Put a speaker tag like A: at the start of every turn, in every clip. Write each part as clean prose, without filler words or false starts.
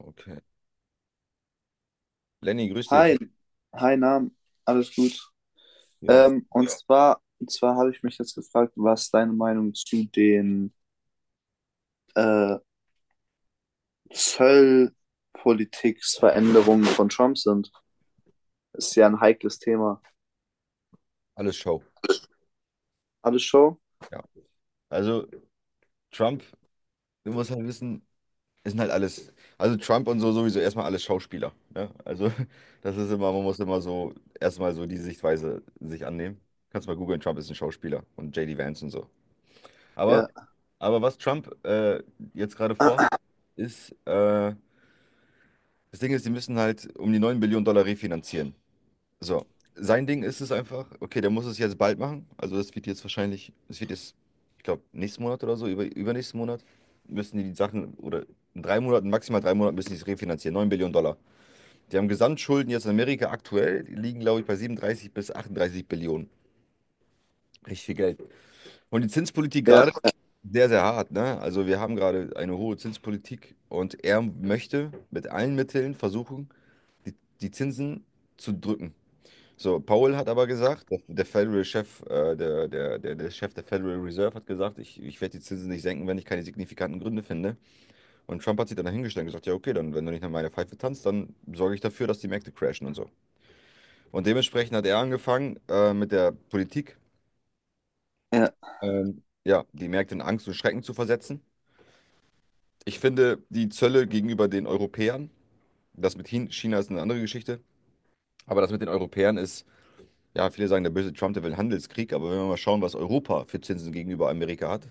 A: Okay. Lenny, grüß
B: Hi,
A: dich.
B: hi Nam, alles gut.
A: Ja,
B: Und zwar habe ich mich jetzt gefragt, was deine Meinung zu den äh, Zollpolitiksveränderungen von Trump sind. Ist ja ein heikles Thema.
A: alles Show.
B: Alles Show?
A: Ja. Also Trump, du musst halt wissen, es sind halt alles, also Trump und so sowieso erstmal alles Schauspieler. Ne? Also das ist immer, man muss immer so erstmal so die Sichtweise sich annehmen. Kannst mal googeln, Trump ist ein Schauspieler und JD Vance und so. Aber,
B: Ja,
A: aber was Trump jetzt gerade vorhat, ist, das Ding ist, die müssen halt um die 9 Billionen Dollar refinanzieren. So, sein Ding ist es einfach, okay, der muss es jetzt bald machen. Also das wird jetzt wahrscheinlich, es wird jetzt, ich glaube, nächsten Monat oder so, über, übernächsten Monat, müssen die die Sachen, oder in 3 Monaten, maximal 3 Monaten müssen die es refinanzieren. 9 Billionen Dollar. Die haben Gesamtschulden jetzt in Amerika aktuell, die liegen, glaube ich, bei 37 bis 38 Billionen. Richtig viel Geld. Und die Zinspolitik
B: ja,
A: gerade
B: ja,
A: sehr, sehr hart, ne? Also wir haben gerade eine hohe Zinspolitik und er möchte mit allen Mitteln versuchen, die, die Zinsen zu drücken. So, Powell hat aber gesagt, der, der Federal Chef, der Chef der Federal Reserve hat gesagt, ich werde die Zinsen nicht senken, wenn ich keine signifikanten Gründe finde. Und Trump hat sich dann dahingestellt und gesagt, ja, okay, dann, wenn du nicht nach meiner Pfeife tanzt, dann sorge ich dafür, dass die Märkte crashen und so. Und dementsprechend hat er angefangen, mit der Politik, ja, die Märkte in Angst und Schrecken zu versetzen. Ich finde, die Zölle gegenüber den Europäern, das mit China ist eine andere Geschichte, aber das mit den Europäern ist. Ja, viele sagen, der böse Trump, der will einen Handelskrieg, aber wenn wir mal schauen, was Europa für Zinsen gegenüber Amerika hat,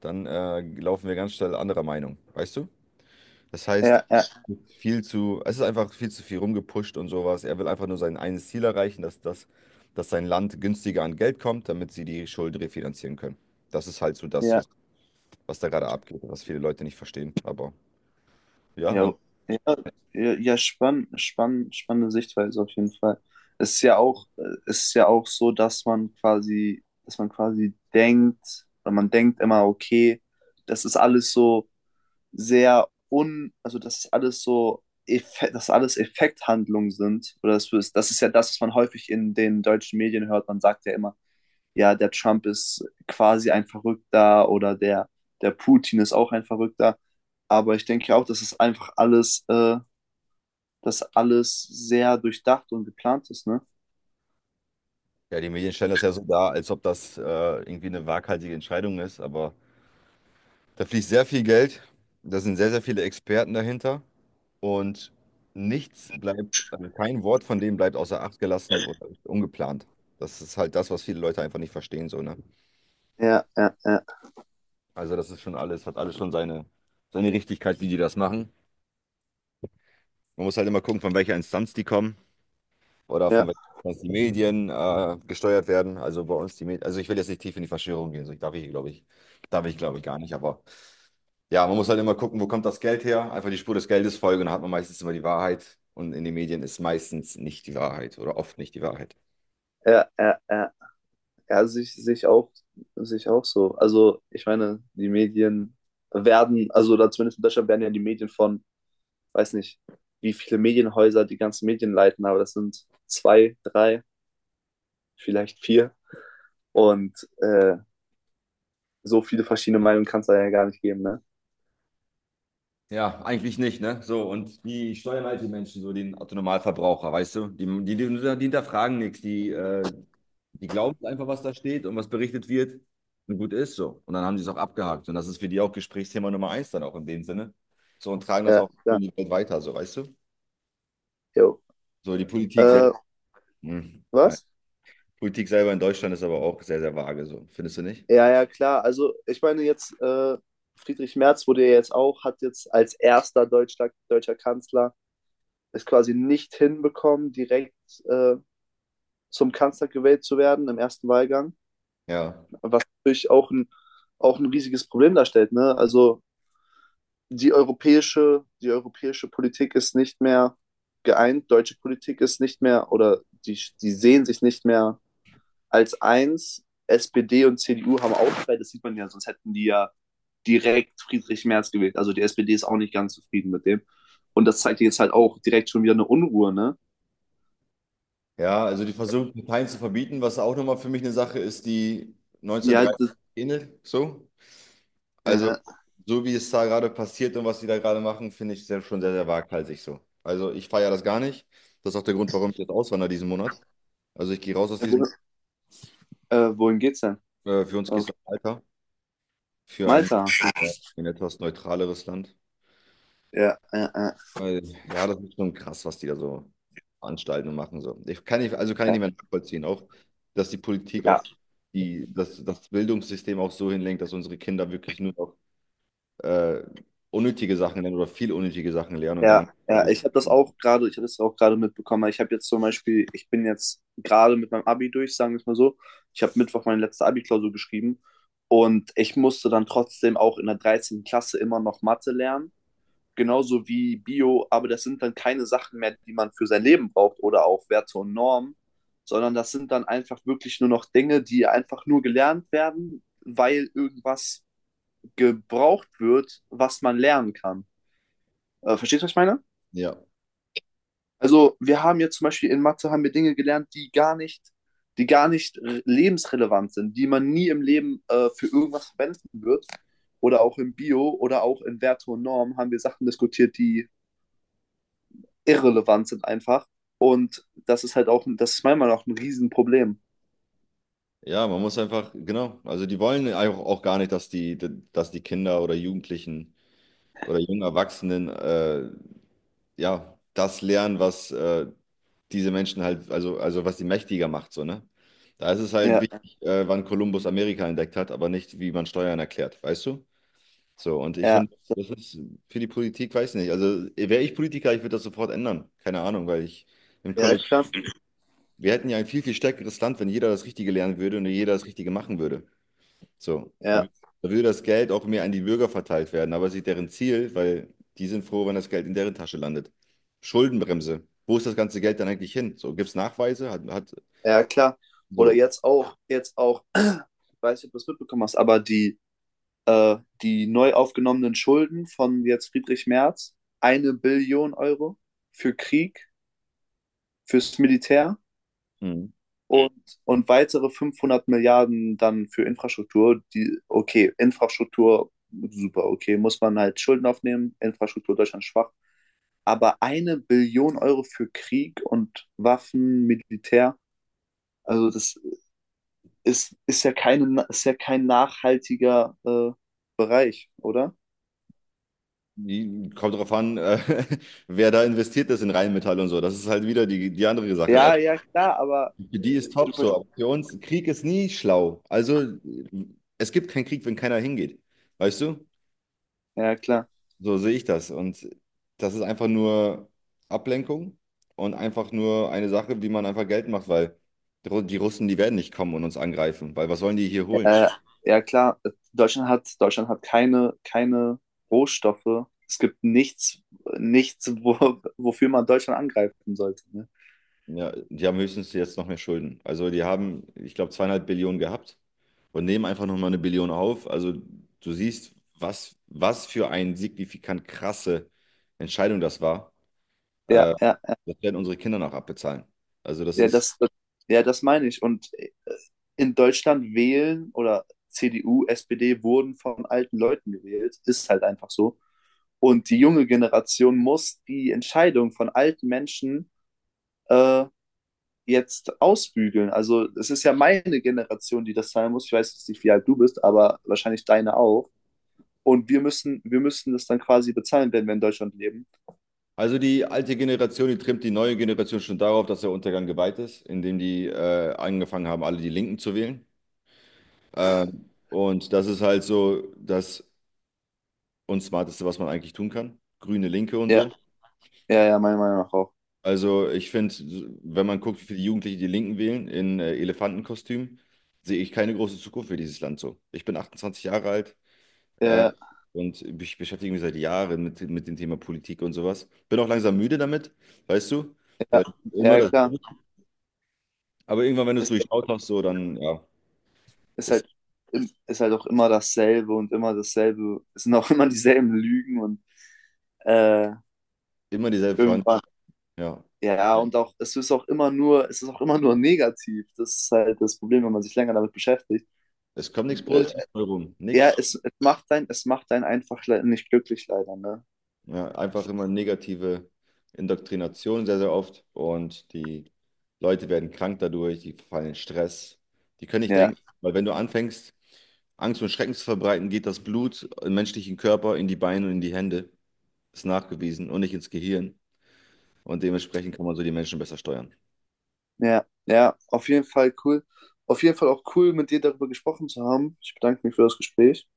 A: dann laufen wir ganz schnell anderer Meinung, weißt du? Das heißt,
B: ja, ja,
A: viel zu, es ist einfach viel zu viel rumgepusht und sowas. Er will einfach nur sein eines Ziel erreichen, dass sein Land günstiger an Geld kommt, damit sie die Schulden refinanzieren können. Das ist halt so das,
B: ja.
A: was da gerade abgeht, was viele Leute nicht verstehen. Aber ja,
B: Ja,
A: und
B: ja, ja, ja, spannende Sichtweise auf jeden Fall. Es ist ja auch, es ist ja auch so, dass man quasi denkt, oder man denkt immer, okay, das ist alles so sehr un, also das ist alles so, dass alles Effekthandlungen sind. Oder das ist ja das, was man häufig in den deutschen Medien hört. Man sagt ja immer, ja, der Trump ist quasi ein Verrückter der Putin ist auch ein Verrückter. Aber ich denke auch, dass alles sehr durchdacht und geplant ist, ne?
A: ja, die Medien stellen das ja so dar, als ob das irgendwie eine waghalsige Entscheidung ist, aber. Da fließt sehr viel Geld, da sind sehr, sehr viele Experten dahinter und nichts bleibt, also kein Wort von dem bleibt außer Acht gelassen oder ungeplant. Das ist halt das, was viele Leute einfach nicht verstehen, so, ne?
B: Ja, ja, ja,
A: Also das ist schon alles, hat alles schon seine, seine Richtigkeit, wie die das machen. Man muss halt immer gucken, von welcher Instanz die kommen, oder von
B: ja,
A: welchen Instanz die Medien gesteuert werden. Also bei uns die Medien, also ich will jetzt nicht tief in die Verschwörung gehen, so ich darf ich, glaube ich, darf ich, glaube ich, gar nicht, aber ja, man muss halt immer gucken, wo kommt das Geld her? Einfach die Spur des Geldes folgen, dann hat man meistens immer die Wahrheit und in den Medien ist meistens nicht die Wahrheit oder oft nicht die Wahrheit.
B: ja, ja, ja. Ja, sich auch so. Also, ich meine, die Medien werden, also oder zumindest in Deutschland werden ja die Medien von, weiß nicht, wie viele Medienhäuser die ganzen Medien leiten, aber das sind zwei, drei, vielleicht vier. Und so viele verschiedene Meinungen kann es da ja gar nicht geben, ne?
A: Ja, eigentlich nicht, ne? So, und die steuern halt die Menschen, so den Autonomalverbraucher, weißt du? Die hinterfragen nichts, die glauben einfach, was da steht und was berichtet wird, und gut ist so. Und dann haben die es auch abgehakt. Und das ist für die auch Gesprächsthema Nummer eins dann auch in dem Sinne. So, und tragen das
B: Ja,
A: auch in
B: ja,
A: die Welt weiter, so, weißt du?
B: jo.
A: So, die Politik selbst.
B: Äh,
A: Hm, nein.
B: was?
A: Politik selber in Deutschland ist aber auch sehr, sehr vage, so. Findest du nicht?
B: Ja, ja, klar. Also, ich meine, jetzt Friedrich Merz wurde ja jetzt auch, hat jetzt als erster deutscher Kanzler es quasi nicht hinbekommen, direkt äh, zum Kanzler gewählt zu werden im ersten Wahlgang,
A: Ja.
B: was natürlich auch ein riesiges Problem darstellt. Ne? Also die europäische Politik ist nicht mehr geeint, deutsche Politik ist nicht mehr oder die, die sehen sich nicht mehr als eins. SPD und CDU haben Aufschrei, das sieht man ja, sonst hätten die ja direkt Friedrich Merz gewählt. Also die SPD ist auch nicht ganz zufrieden mit dem. Und das zeigt jetzt halt auch direkt schon wieder eine Unruhe, ne?
A: Ja, also die versuchen, Parteien zu verbieten, was auch nochmal für mich eine Sache ist, die
B: Ja,
A: 1930
B: das,
A: ähnelt, so. Also,
B: äh,
A: so wie es da gerade passiert und was sie da gerade machen, finde ich sehr, schon sehr, sehr waghalsig so. Also, ich feiere das gar nicht. Das ist auch der Grund, warum ich jetzt auswandere diesen Monat. Also, ich gehe raus aus
B: wo,
A: diesem,
B: wohin geht's denn?
A: für uns
B: Auf
A: gehst du weiter für
B: Malta.
A: äh, ein etwas neutraleres Land.
B: Ja, ja, ja,
A: Weil, ja, das ist schon krass, was die da so veranstalten und machen. So. Ich kann nicht, also kann ich nicht
B: ja,
A: mehr nachvollziehen, auch, dass die Politik auch
B: ja,
A: die, dass das Bildungssystem auch so hinlenkt, dass unsere Kinder wirklich nur noch äh, unnötige Sachen lernen oder viel unnötige Sachen lernen und
B: ja,
A: gar
B: ja.
A: nicht.
B: Ich habe das auch gerade mitbekommen. Ich habe jetzt zum Beispiel, ich bin jetzt gerade mit meinem Abi durch, sagen wir es mal so. Ich habe Mittwoch meine letzte Abi-Klausur geschrieben und ich musste dann trotzdem auch in der dreizehnten Klasse immer noch Mathe lernen, genauso wie Bio, aber das sind dann keine Sachen mehr, die man für sein Leben braucht oder auch Werte und Normen, sondern das sind dann einfach wirklich nur noch Dinge, die einfach nur gelernt werden, weil irgendwas gebraucht wird, was man lernen kann. Verstehst du, was ich meine?
A: Ja,
B: Also, wir haben jetzt zum Beispiel in Mathe haben wir Dinge gelernt, die gar nicht re- lebensrelevant sind, die man nie im Leben für irgendwas verwenden wird. Oder auch im Bio oder auch in Werte und Norm haben wir Sachen diskutiert, die irrelevant sind einfach. Und das ist halt auch, das ist meiner Meinung nach ein Riesenproblem.
A: ja, man muss einfach, genau, also die wollen auch, auch gar nicht, dass die Kinder oder Jugendlichen oder jungen Erwachsenen ja das lernen, was diese Menschen halt, also was die mächtiger macht, so, ne? Da ist es halt
B: Ja,
A: wichtig, wann Kolumbus Amerika entdeckt hat, aber nicht, wie man Steuern erklärt, weißt du? So, und ich
B: ja,
A: finde, das ist für die Politik, weiß nicht, also wäre ich Politiker, ich würde das sofort ändern, keine Ahnung, weil ich im
B: ja, klar.
A: Kollektiv, wir hätten ja ein viel, viel stärkeres Land, wenn jeder das Richtige lernen würde und jeder das Richtige machen würde. So,
B: Ja,
A: da würde das Geld auch mehr an die Bürger verteilt werden, aber es ist nicht deren Ziel, weil die sind froh, wenn das Geld in deren Tasche landet. Schuldenbremse. Wo ist das ganze Geld dann eigentlich hin? So, gibt es Nachweise? Hat
B: ja, klar. Oder
A: so.
B: jetzt auch, ich weiß nicht, ob du es mitbekommen hast, aber die äh, die neu aufgenommenen Schulden von jetzt Friedrich Merz, eine Billion Euro für Krieg, fürs Militär
A: Mhm.
B: und, und weitere 500 Milliarden dann für Infrastruktur. Die, okay, Infrastruktur, super, okay, muss man halt Schulden aufnehmen, Infrastruktur Deutschland schwach. Aber eine Billion Euro für Krieg und Waffen, Militär, also das ist ja kein nachhaltiger Bereich, oder?
A: Die, kommt darauf an, wer da investiert ist in Rheinmetall und so. Das ist halt wieder die, die andere Sache, weil
B: Ja, ja, klar, aber
A: für die ist
B: du,
A: top so, aber für uns, Krieg ist nie schlau. Also, es gibt keinen Krieg, wenn keiner hingeht. Weißt du?
B: ja, klar.
A: So sehe ich das. Und das ist einfach nur Ablenkung und einfach nur eine Sache, wie man einfach Geld macht, weil die Russen, die werden nicht kommen und uns angreifen, weil was sollen die hier holen?
B: Äh, ja, klar. Deutschland hat keine, keine Rohstoffe. Es gibt nichts, nichts, wo, wofür man Deutschland angreifen sollte. Ne?
A: Ja, die haben höchstens jetzt noch mehr Schulden. Also die haben, ich glaube, 2,5 Billionen gehabt und nehmen einfach nochmal eine Billion auf. Also du siehst, was, was für eine signifikant krasse Entscheidung das war.
B: Ja,
A: Äh,
B: ja,
A: das werden unsere Kinder noch abbezahlen. Also das
B: ja,
A: ist.
B: das, ja, das meine ich. Und in Deutschland wählen oder CDU, SPD wurden von alten Leuten gewählt. Ist halt einfach so. Und die junge Generation muss die Entscheidung von alten Menschen äh, jetzt ausbügeln. Also es ist ja meine Generation, die das zahlen muss. Ich weiß jetzt nicht, wie alt du bist, aber wahrscheinlich deine auch. Und wir müssen das dann quasi bezahlen, wenn wir in Deutschland leben.
A: Also die alte Generation, die trimmt die neue Generation schon darauf, dass der Untergang geweiht ist, indem die angefangen haben, alle die Linken zu wählen. Äh, und das ist halt so das Unsmarteste, was man eigentlich tun kann. Grüne Linke und
B: Ja,
A: so.
B: ja, ja, meiner Meinung nach auch.
A: Also ich finde, wenn man guckt, wie viele Jugendliche die Linken wählen in Elefantenkostüm, sehe ich keine große Zukunft für dieses Land so. Ich bin 28 Jahre alt
B: Ja,
A: äh,
B: ja,
A: und ich beschäftige mich seit Jahren mit dem Thema Politik und sowas. Bin auch langsam müde damit, weißt du?
B: ja,
A: Weil
B: ja,
A: immer
B: ja,
A: das.
B: klar.
A: Aber irgendwann, wenn du es
B: Ist,
A: durchschaut hast, so, dann, ja,
B: ist
A: ist
B: halt, im- ist halt auch immer dasselbe und immer dasselbe. Es sind auch immer dieselben Lügen und äh,
A: immer dieselbe Frage.
B: irgendwann.
A: Ja,
B: Ja, und auch, es ist auch immer nur negativ. Das ist halt das Problem, wenn man sich länger damit beschäftigt.
A: es kommt nichts
B: Äh,
A: Positives bei rum,
B: ja,
A: nichts.
B: es macht einen einfach nicht glücklich leider, ne?
A: Ja, einfach immer negative Indoktrination sehr, sehr oft und die Leute werden krank dadurch, die verfallen in Stress, die können nicht
B: Ja,
A: denken, weil wenn du anfängst, Angst und Schrecken zu verbreiten, geht das Blut im menschlichen Körper in die Beine und in die Hände, ist nachgewiesen und nicht ins Gehirn, und dementsprechend kann man so die Menschen besser steuern.
B: ja, ja, auf jeden Fall cool. Auf jeden Fall auch cool, mit dir darüber gesprochen zu haben. Ich bedanke mich für das Gespräch.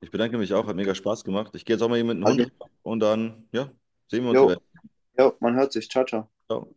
A: Ich bedanke mich auch, hat mega Spaß gemacht. Ich gehe jetzt auch mal hier mit dem
B: Hat
A: Hund
B: mich,
A: ran und dann, ja, sehen wir uns
B: jo,
A: eventuell.
B: jo, man hört sich. Ciao, ciao.
A: Ciao.